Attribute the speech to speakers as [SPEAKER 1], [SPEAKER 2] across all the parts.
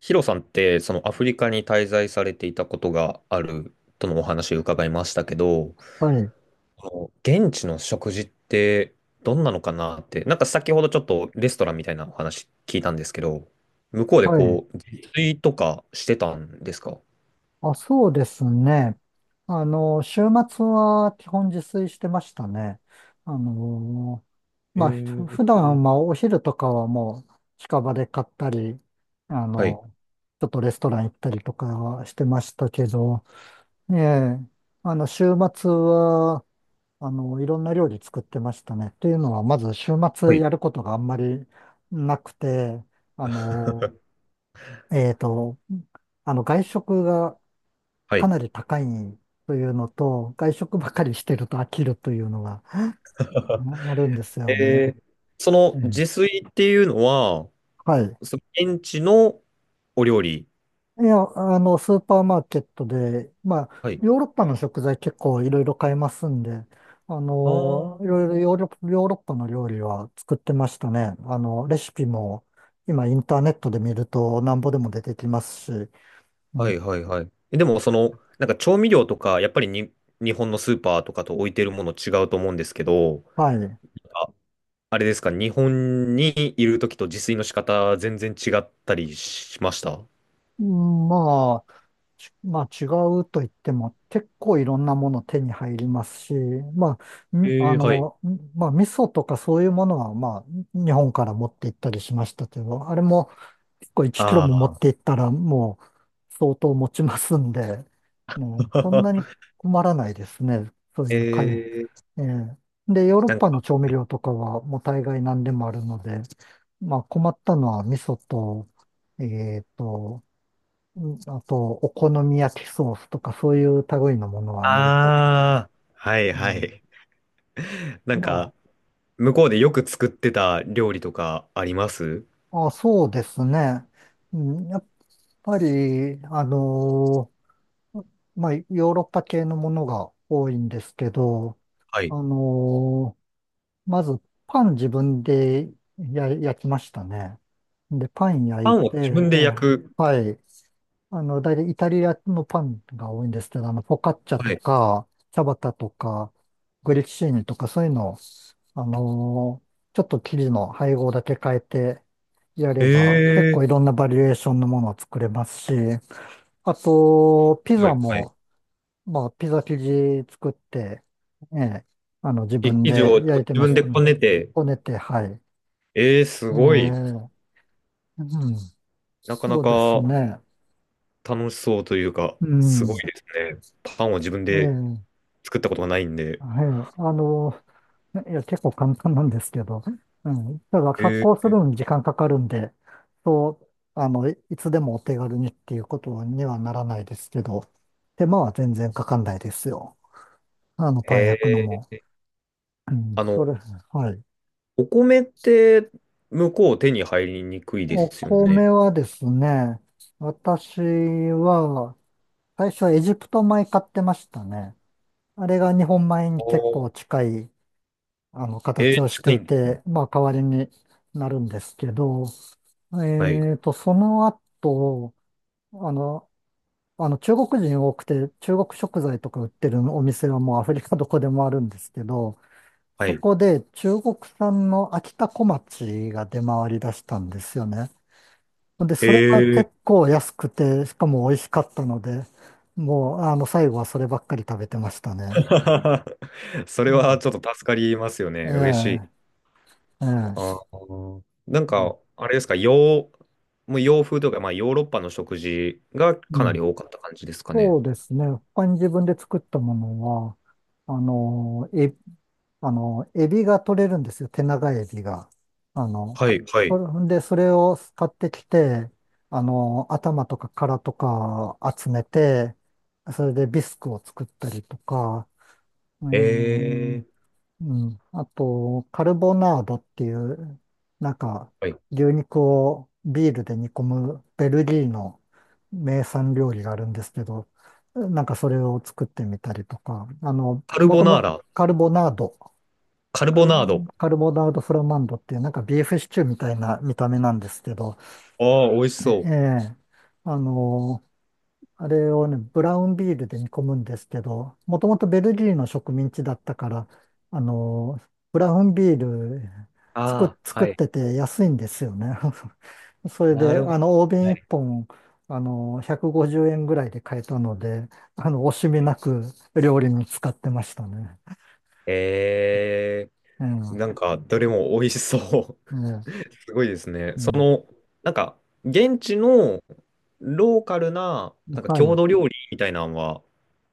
[SPEAKER 1] ヒロさんって、そのアフリカに滞在されていたことがあるとのお話を伺いましたけど、
[SPEAKER 2] はい、
[SPEAKER 1] この現地の食事ってどんなのかなって、なんか先ほどちょっとレストランみたいなお話聞いたんですけど、向こうで
[SPEAKER 2] はい。
[SPEAKER 1] こう、自炊とかしてたんですか？
[SPEAKER 2] あ、そうですね。週末は基本自炊してましたね。あの、
[SPEAKER 1] え
[SPEAKER 2] まあ、普
[SPEAKER 1] ー、
[SPEAKER 2] 段はまあお昼とかはもう近場で買ったり、あ
[SPEAKER 1] はい。
[SPEAKER 2] の、ちょっとレストラン行ったりとかはしてましたけど、ええ、週末は、いろんな料理作ってましたね。というのは、まず週
[SPEAKER 1] は
[SPEAKER 2] 末
[SPEAKER 1] い。
[SPEAKER 2] やることがあんまりなくて、あ の、えっと、外食が
[SPEAKER 1] は
[SPEAKER 2] か
[SPEAKER 1] い。
[SPEAKER 2] なり高いというのと、外食ばかりしてると飽きるというのがうんあるんですよね。
[SPEAKER 1] えーそ
[SPEAKER 2] え
[SPEAKER 1] の自
[SPEAKER 2] え、
[SPEAKER 1] 炊っていうのは、
[SPEAKER 2] はい。
[SPEAKER 1] その現地のお料理。
[SPEAKER 2] いや、スーパーマーケットで、まあ、
[SPEAKER 1] はい。
[SPEAKER 2] ヨーロッパの食材結構いろいろ買えますんで、
[SPEAKER 1] あ
[SPEAKER 2] いろいろ
[SPEAKER 1] あ。
[SPEAKER 2] ヨーロッパの料理は作ってましたね。レシピも今インターネットで見るとなんぼでも出てきますし、う
[SPEAKER 1] はい
[SPEAKER 2] ん、
[SPEAKER 1] はいはい。でもその、なんか調味料とか、やっぱりに日本のスーパーとかと置いてるもの違うと思うんですけど、
[SPEAKER 2] はい。
[SPEAKER 1] あ、あれですか、日本にいるときと自炊の仕方全然違ったりしました？
[SPEAKER 2] うん、まあ、まあ違うと言っても結構いろんなもの手に入りますし、まあ、
[SPEAKER 1] はい。
[SPEAKER 2] まあ味噌とかそういうものはまあ日本から持って行ったりしましたけど、あれも結構1キロ
[SPEAKER 1] あ
[SPEAKER 2] も持って
[SPEAKER 1] あ。
[SPEAKER 2] 行ったらもう相当持ちますんで、もうそんなに 困らないですね。そう
[SPEAKER 1] え
[SPEAKER 2] いう買い、
[SPEAKER 1] ー、
[SPEAKER 2] ええ、で、ヨーロッ
[SPEAKER 1] なん
[SPEAKER 2] パの
[SPEAKER 1] か、
[SPEAKER 2] 調味料とかはもう大概何でもあるので、まあ困ったのは味噌と、えっと、うん、あと、お好み焼きソースとかそういう類のものはない。
[SPEAKER 1] ああ、はい
[SPEAKER 2] う
[SPEAKER 1] は
[SPEAKER 2] ん、
[SPEAKER 1] い。なん
[SPEAKER 2] ま
[SPEAKER 1] か、向こうでよく作ってた料理とかあります？
[SPEAKER 2] あ、あ、そうですね。うん、やっぱり、ーまあ、ヨーロッパ系のものが多いんですけど、
[SPEAKER 1] は
[SPEAKER 2] あ
[SPEAKER 1] い。
[SPEAKER 2] のまず、パン自分で焼きましたね。で、パン焼
[SPEAKER 1] パ
[SPEAKER 2] い
[SPEAKER 1] ン
[SPEAKER 2] て、
[SPEAKER 1] を自分
[SPEAKER 2] え
[SPEAKER 1] で焼
[SPEAKER 2] え、
[SPEAKER 1] く。
[SPEAKER 2] はい。大体イタリアのパンが多いんですけど、フォカッチャ
[SPEAKER 1] は
[SPEAKER 2] と
[SPEAKER 1] い。
[SPEAKER 2] か、チャバタとか、グリッシーニとか、そういうのを、ちょっと生地の配合だけ変えてやれば、結
[SPEAKER 1] え
[SPEAKER 2] 構いろんなバリエーションのものを作れますし、あと、ピ
[SPEAKER 1] は
[SPEAKER 2] ザ
[SPEAKER 1] いはい。
[SPEAKER 2] も、まあ、ピザ生地作って、ええ、自分
[SPEAKER 1] 生地を
[SPEAKER 2] で
[SPEAKER 1] 自
[SPEAKER 2] 焼いてま
[SPEAKER 1] 分
[SPEAKER 2] し
[SPEAKER 1] で
[SPEAKER 2] た
[SPEAKER 1] こ
[SPEAKER 2] ね。
[SPEAKER 1] ねて、
[SPEAKER 2] こねて、はい。
[SPEAKER 1] す
[SPEAKER 2] え
[SPEAKER 1] ごい。
[SPEAKER 2] え、うん、
[SPEAKER 1] なかな
[SPEAKER 2] そうです
[SPEAKER 1] か
[SPEAKER 2] ね。
[SPEAKER 1] 楽しそうというか、
[SPEAKER 2] うん、
[SPEAKER 1] すごいですね。パンを自分
[SPEAKER 2] え
[SPEAKER 1] で
[SPEAKER 2] え、
[SPEAKER 1] 作ったことがないんで。
[SPEAKER 2] はい、いや、結構簡単なんですけど、うん、ただ発
[SPEAKER 1] え
[SPEAKER 2] 酵
[SPEAKER 1] ー、
[SPEAKER 2] するのに時間かかるんで、そう、いつでもお手軽にっていうことにはならないですけど、手間は全然かかんないですよ。パン焼くの
[SPEAKER 1] へ
[SPEAKER 2] も。
[SPEAKER 1] ー。あの、
[SPEAKER 2] それ、はい。
[SPEAKER 1] お米って向こう手に入りにくいで
[SPEAKER 2] お
[SPEAKER 1] すよね。
[SPEAKER 2] 米はですね、私は、最初はエジプト米買ってましたね。あれが日本米
[SPEAKER 1] お
[SPEAKER 2] に結
[SPEAKER 1] ー、
[SPEAKER 2] 構近い、形をし
[SPEAKER 1] 近
[SPEAKER 2] て
[SPEAKER 1] い
[SPEAKER 2] い
[SPEAKER 1] んですね。
[SPEAKER 2] て、まあ、代わりになるんですけど、
[SPEAKER 1] はい。
[SPEAKER 2] その後、あの、中国人多くて、中国食材とか売ってるお店はもうアフリカどこでもあるんですけど、
[SPEAKER 1] は
[SPEAKER 2] そ
[SPEAKER 1] い。
[SPEAKER 2] こで中国産の秋田小町が出回り出したんですよね。で、それは
[SPEAKER 1] へえ。
[SPEAKER 2] 結構安くて、しかも美味しかったので、もう、最後はそればっかり食べてましたね。
[SPEAKER 1] そ
[SPEAKER 2] う
[SPEAKER 1] れは
[SPEAKER 2] ん。
[SPEAKER 1] ちょっと助かりますよね。嬉しい。
[SPEAKER 2] ええ、え
[SPEAKER 1] あ
[SPEAKER 2] え。
[SPEAKER 1] ー、なん
[SPEAKER 2] うん。
[SPEAKER 1] か、あれですか、もう洋風というか、まあ、ヨーロッパの食事が
[SPEAKER 2] う
[SPEAKER 1] かな
[SPEAKER 2] ん、
[SPEAKER 1] り多かった感じですかね。
[SPEAKER 2] そうですね。他に自分で作ったものは、あの、え、あの、エビが取れるんですよ。手長エビが。あの、
[SPEAKER 1] はい、は
[SPEAKER 2] そ
[SPEAKER 1] い。
[SPEAKER 2] れで、それを買ってきて、頭とか殻とか集めて、それでビスクを作ったりとか、ええ、
[SPEAKER 1] ええ、
[SPEAKER 2] うん。あと、カルボナードっていう、なんか、
[SPEAKER 1] はい。
[SPEAKER 2] 牛肉をビールで煮込むベルギーの名産料理があるんですけど、なんかそれを作ってみたりとか、あの、
[SPEAKER 1] カル
[SPEAKER 2] も
[SPEAKER 1] ボ
[SPEAKER 2] と
[SPEAKER 1] ナー
[SPEAKER 2] も
[SPEAKER 1] ラ、
[SPEAKER 2] カルボナード、
[SPEAKER 1] カル
[SPEAKER 2] カ
[SPEAKER 1] ボ
[SPEAKER 2] ル
[SPEAKER 1] ナ
[SPEAKER 2] ボ、
[SPEAKER 1] ード。
[SPEAKER 2] カルボナードフラマンドっていう、なんかビーフシチューみたいな見た目なんですけど、
[SPEAKER 1] ああ、美味しそ
[SPEAKER 2] え
[SPEAKER 1] う。
[SPEAKER 2] え、あの、あれをね、ブラウンビールで煮込むんですけど、もともとベルギーの植民地だったから、あの、ブラウンビール
[SPEAKER 1] ああ、
[SPEAKER 2] 作
[SPEAKER 1] は
[SPEAKER 2] っ
[SPEAKER 1] い。
[SPEAKER 2] てて安いんですよね。それ
[SPEAKER 1] な
[SPEAKER 2] で、
[SPEAKER 1] るほど。
[SPEAKER 2] 大瓶
[SPEAKER 1] は
[SPEAKER 2] 1
[SPEAKER 1] い。
[SPEAKER 2] 本、150円ぐらいで買えたので、惜しみなく料理に使ってましたね。
[SPEAKER 1] ええ、
[SPEAKER 2] え
[SPEAKER 1] なん
[SPEAKER 2] え、
[SPEAKER 1] か、どれも美味しそう。
[SPEAKER 2] え
[SPEAKER 1] すごいですね。
[SPEAKER 2] え、う
[SPEAKER 1] そ
[SPEAKER 2] ん。
[SPEAKER 1] の、なんか、現地のローカルな、なんか
[SPEAKER 2] は
[SPEAKER 1] 郷
[SPEAKER 2] い。
[SPEAKER 1] 土料理みたいなのは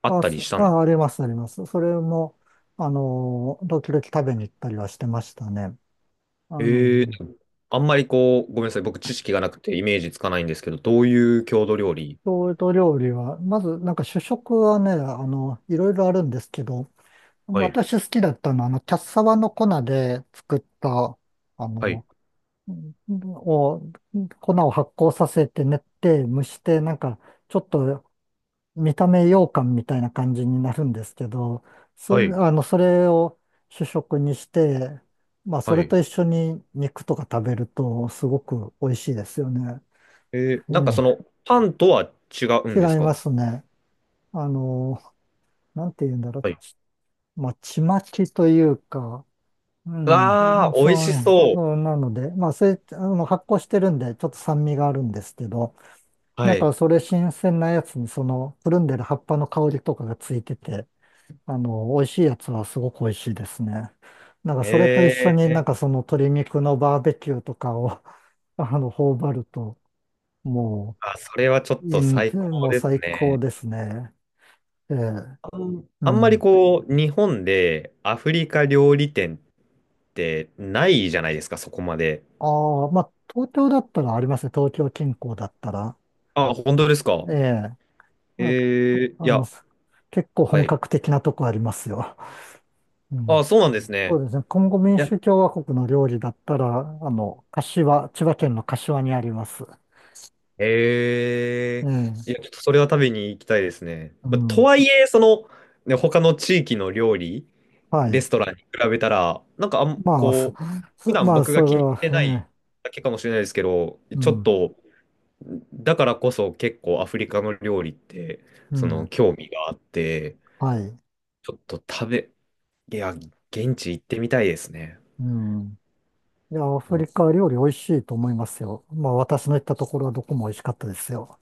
[SPEAKER 1] あっ
[SPEAKER 2] あ、
[SPEAKER 1] たりしたんで
[SPEAKER 2] あり
[SPEAKER 1] す？
[SPEAKER 2] ます、あります。それも、時々食べに行ったりはしてましたね。あの、
[SPEAKER 1] あんまりこう、ごめんなさい。僕、知識がなくてイメージつかないんですけど、どういう郷土料理？
[SPEAKER 2] 郷土料理は、まずなんか主食はね、いろいろあるんですけど、
[SPEAKER 1] はい。
[SPEAKER 2] 私好きだったのは、キャッサバの粉で作った、あ
[SPEAKER 1] はい。
[SPEAKER 2] の、んを、粉を発酵させて練って蒸して、なんか、ちょっと見た目羊羹みたいな感じになるんですけど、そ、
[SPEAKER 1] はい。
[SPEAKER 2] あの、それを主食にして、まあ、そ
[SPEAKER 1] は
[SPEAKER 2] れ
[SPEAKER 1] い。
[SPEAKER 2] と一緒に肉とか食べると、すごく美味しいですよね。
[SPEAKER 1] なん
[SPEAKER 2] う
[SPEAKER 1] かそ
[SPEAKER 2] ん。
[SPEAKER 1] の、パンとは違う
[SPEAKER 2] 違
[SPEAKER 1] んです
[SPEAKER 2] いま
[SPEAKER 1] か？
[SPEAKER 2] すね。あの、なんて言うんだろ
[SPEAKER 1] はい。
[SPEAKER 2] う。まあ、ちまきというか、うん、うん、
[SPEAKER 1] わあ、美味
[SPEAKER 2] そう
[SPEAKER 1] し
[SPEAKER 2] ね、
[SPEAKER 1] そう。
[SPEAKER 2] そうなので、まあ、それ、発酵してるんで、ちょっと酸味があるんですけど、
[SPEAKER 1] は
[SPEAKER 2] なん
[SPEAKER 1] い。
[SPEAKER 2] かそれ新鮮なやつに、その、くるんでる葉っぱの香りとかがついてて、美味しいやつはすごく美味しいですね。なんかそれと一
[SPEAKER 1] え
[SPEAKER 2] 緒に
[SPEAKER 1] え、
[SPEAKER 2] なんかその鶏肉のバーベキューとかを 頬張ると、も
[SPEAKER 1] あ、それはちょ
[SPEAKER 2] う、
[SPEAKER 1] っ
[SPEAKER 2] いい
[SPEAKER 1] と
[SPEAKER 2] ん
[SPEAKER 1] 最高
[SPEAKER 2] もう
[SPEAKER 1] です
[SPEAKER 2] 最高
[SPEAKER 1] ね。
[SPEAKER 2] ですね。ええ、
[SPEAKER 1] あん、
[SPEAKER 2] う
[SPEAKER 1] あんまり
[SPEAKER 2] ん。
[SPEAKER 1] こう、日本でアフリカ料理店ってないじゃないですか、そこまで。
[SPEAKER 2] ああ、まあ、東京だったらありますね。東京近郊だったら。
[SPEAKER 1] あ、本当ですか。
[SPEAKER 2] ええ。まあ、
[SPEAKER 1] ええ、いや、
[SPEAKER 2] 結構
[SPEAKER 1] は
[SPEAKER 2] 本
[SPEAKER 1] い。
[SPEAKER 2] 格的なとこありますよ。うん。
[SPEAKER 1] あ、そうなんです
[SPEAKER 2] そ
[SPEAKER 1] ね。
[SPEAKER 2] うですね。コンゴ民
[SPEAKER 1] いや、
[SPEAKER 2] 主共和国の料理だったら、柏、千葉県の柏にあります。
[SPEAKER 1] え
[SPEAKER 2] え
[SPEAKER 1] え、い
[SPEAKER 2] え。
[SPEAKER 1] や、ちょっとそれは食べに行きたいですね。
[SPEAKER 2] う
[SPEAKER 1] まと
[SPEAKER 2] ん。
[SPEAKER 1] はいえ、その、ね、他の地域の料理、
[SPEAKER 2] は
[SPEAKER 1] レ
[SPEAKER 2] い。
[SPEAKER 1] ストランに比べたら、なんか
[SPEAKER 2] まあ、
[SPEAKER 1] こう、普段僕
[SPEAKER 2] そ
[SPEAKER 1] が気
[SPEAKER 2] れ
[SPEAKER 1] に入
[SPEAKER 2] は、
[SPEAKER 1] ってない
[SPEAKER 2] ええ。
[SPEAKER 1] だけかもしれないですけど、
[SPEAKER 2] う
[SPEAKER 1] ちょっ
[SPEAKER 2] ん。
[SPEAKER 1] と、だからこそ結構アフリカの料理って、
[SPEAKER 2] う
[SPEAKER 1] その
[SPEAKER 2] ん。
[SPEAKER 1] 興味があって、
[SPEAKER 2] はい。
[SPEAKER 1] ちょっと食べ、いや、現地行ってみたいですね。
[SPEAKER 2] うん。いや、ア
[SPEAKER 1] う
[SPEAKER 2] フ
[SPEAKER 1] ん。
[SPEAKER 2] リカ料理美味しいと思いますよ。まあ、私の行ったところはどこも美味しかったですよ。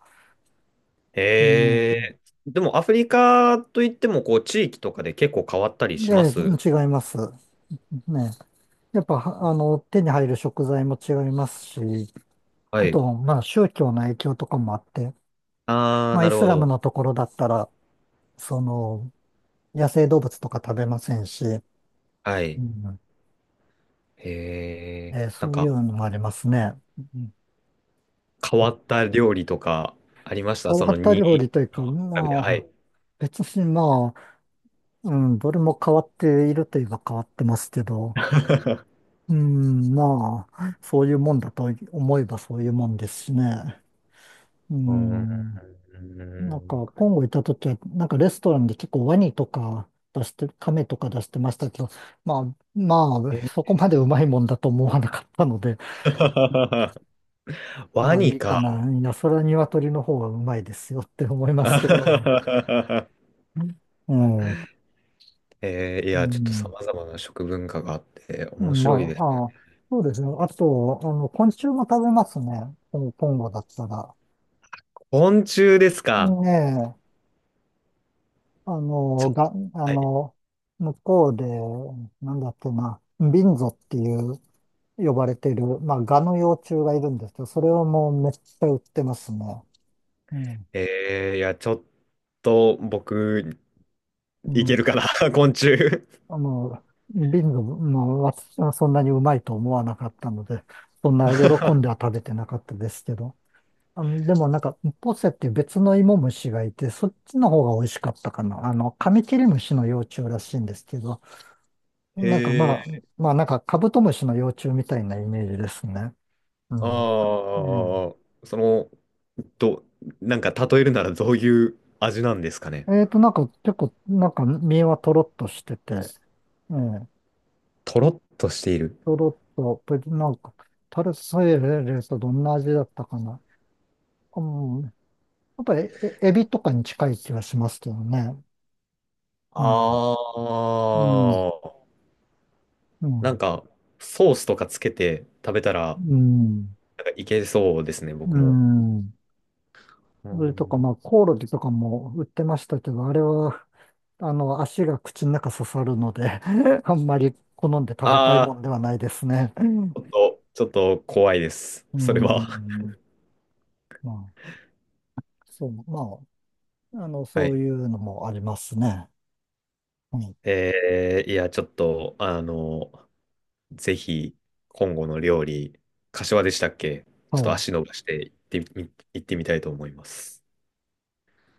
[SPEAKER 2] う
[SPEAKER 1] え
[SPEAKER 2] ん。
[SPEAKER 1] でもアフリカといっても、こう、地域とかで結構変わったりしま
[SPEAKER 2] で、
[SPEAKER 1] す。
[SPEAKER 2] 違います。ね、やっぱ、はあの、手に入る食材も違いますし、
[SPEAKER 1] は
[SPEAKER 2] あ
[SPEAKER 1] い。
[SPEAKER 2] と、まあ、宗教の影響とかもあって、
[SPEAKER 1] あ
[SPEAKER 2] ま
[SPEAKER 1] ー、
[SPEAKER 2] あ、
[SPEAKER 1] な
[SPEAKER 2] イ
[SPEAKER 1] る
[SPEAKER 2] ス
[SPEAKER 1] ほ
[SPEAKER 2] ラム
[SPEAKER 1] ど。
[SPEAKER 2] のところだったら、その、野生動物とか食べませんし、
[SPEAKER 1] は
[SPEAKER 2] う
[SPEAKER 1] い。
[SPEAKER 2] んえー
[SPEAKER 1] なん
[SPEAKER 2] そういう
[SPEAKER 1] か、
[SPEAKER 2] のもありますね。うん、
[SPEAKER 1] 変わった料理とかありました？
[SPEAKER 2] 変
[SPEAKER 1] そ
[SPEAKER 2] わ
[SPEAKER 1] の
[SPEAKER 2] った
[SPEAKER 1] に
[SPEAKER 2] 料理というか、
[SPEAKER 1] 調べて、は
[SPEAKER 2] まあ、
[SPEAKER 1] い。
[SPEAKER 2] 別にまあ、うん、どれも変わっているといえば変わってますけど、うん、まあ、そういうもんだと思えばそういうもんですしね。う
[SPEAKER 1] うー
[SPEAKER 2] ん、なんか、
[SPEAKER 1] ん。
[SPEAKER 2] コンゴ行った時は、なんかレストランで結構ワニとか出して、カメとか出してましたけど、まあ、まあ、
[SPEAKER 1] え
[SPEAKER 2] そこまでう
[SPEAKER 1] ー
[SPEAKER 2] まいもんだと思わなかったので、
[SPEAKER 1] ワ
[SPEAKER 2] まあ
[SPEAKER 1] ニ
[SPEAKER 2] いいか
[SPEAKER 1] か。
[SPEAKER 2] な。いや、それは鶏の方がうまいですよって思いますけど。うん。うん。
[SPEAKER 1] いや、ちょっと様々な食文化があって面
[SPEAKER 2] ま
[SPEAKER 1] 白いですね。
[SPEAKER 2] あ、あ、そうですね。あと、昆虫も食べますね。コンゴだったら。
[SPEAKER 1] 昆虫です
[SPEAKER 2] ね
[SPEAKER 1] か。
[SPEAKER 2] え、あ
[SPEAKER 1] ち
[SPEAKER 2] の、
[SPEAKER 1] ょ、
[SPEAKER 2] が、あ
[SPEAKER 1] はい。
[SPEAKER 2] の、向こうで、なんだっけな、ビンゾっていう、呼ばれている、まあ、ガの幼虫がいるんですけど、それをもうめっちゃ売ってますね。うん。
[SPEAKER 1] いや、ちょっと僕、
[SPEAKER 2] う
[SPEAKER 1] い
[SPEAKER 2] ん。
[SPEAKER 1] けるかな、昆虫。
[SPEAKER 2] あの、もう私はそんなにうまいと思わなかったので、そんな喜んでは食べてなかったですけど。でもなんか、ポセっていう別の芋虫がいて、そっちの方が美味しかったかな。カミキリムシの幼虫らしいんですけど、なんかまあ、
[SPEAKER 1] え
[SPEAKER 2] まあなんかカブトムシの幼虫みたいなイメージですね。う
[SPEAKER 1] あ
[SPEAKER 2] ん。
[SPEAKER 1] あ、
[SPEAKER 2] うん、
[SPEAKER 1] その、ど、なんか例えるならどういう味なんですかね。
[SPEAKER 2] なんか結構、なんか身はとろっとしてて、ええ、
[SPEAKER 1] とろっとしている。
[SPEAKER 2] とろっと、なんか、タルソイレレスはどんな味だったかな。うん、やっぱりエビとかに近い気がしますけどね。う
[SPEAKER 1] あ
[SPEAKER 2] ん、うん、
[SPEAKER 1] あ、
[SPEAKER 2] う
[SPEAKER 1] なん
[SPEAKER 2] ん、
[SPEAKER 1] か、ソースとかつけて食べたら、
[SPEAKER 2] うん、
[SPEAKER 1] なんかいけそうですね、
[SPEAKER 2] う
[SPEAKER 1] 僕も。
[SPEAKER 2] ん。
[SPEAKER 1] う
[SPEAKER 2] それとか、
[SPEAKER 1] ん。
[SPEAKER 2] まあ、コオロギとかも売ってましたけど、あれは、足が口の中刺さるので あんまり好んで食べたい
[SPEAKER 1] あ
[SPEAKER 2] も
[SPEAKER 1] あ、
[SPEAKER 2] んではないですね。うん、
[SPEAKER 1] ちょっと、ちょっと怖いです。
[SPEAKER 2] う
[SPEAKER 1] それは。
[SPEAKER 2] ん、まあ、そう、まあ、
[SPEAKER 1] は
[SPEAKER 2] そう
[SPEAKER 1] い。
[SPEAKER 2] いうのもありますね。うん、
[SPEAKER 1] いや、ちょっと、ぜひ、今後の料理、柏でしたっけ？ちょっ
[SPEAKER 2] は
[SPEAKER 1] と
[SPEAKER 2] い。
[SPEAKER 1] 足伸ばして行ってみたいと思います。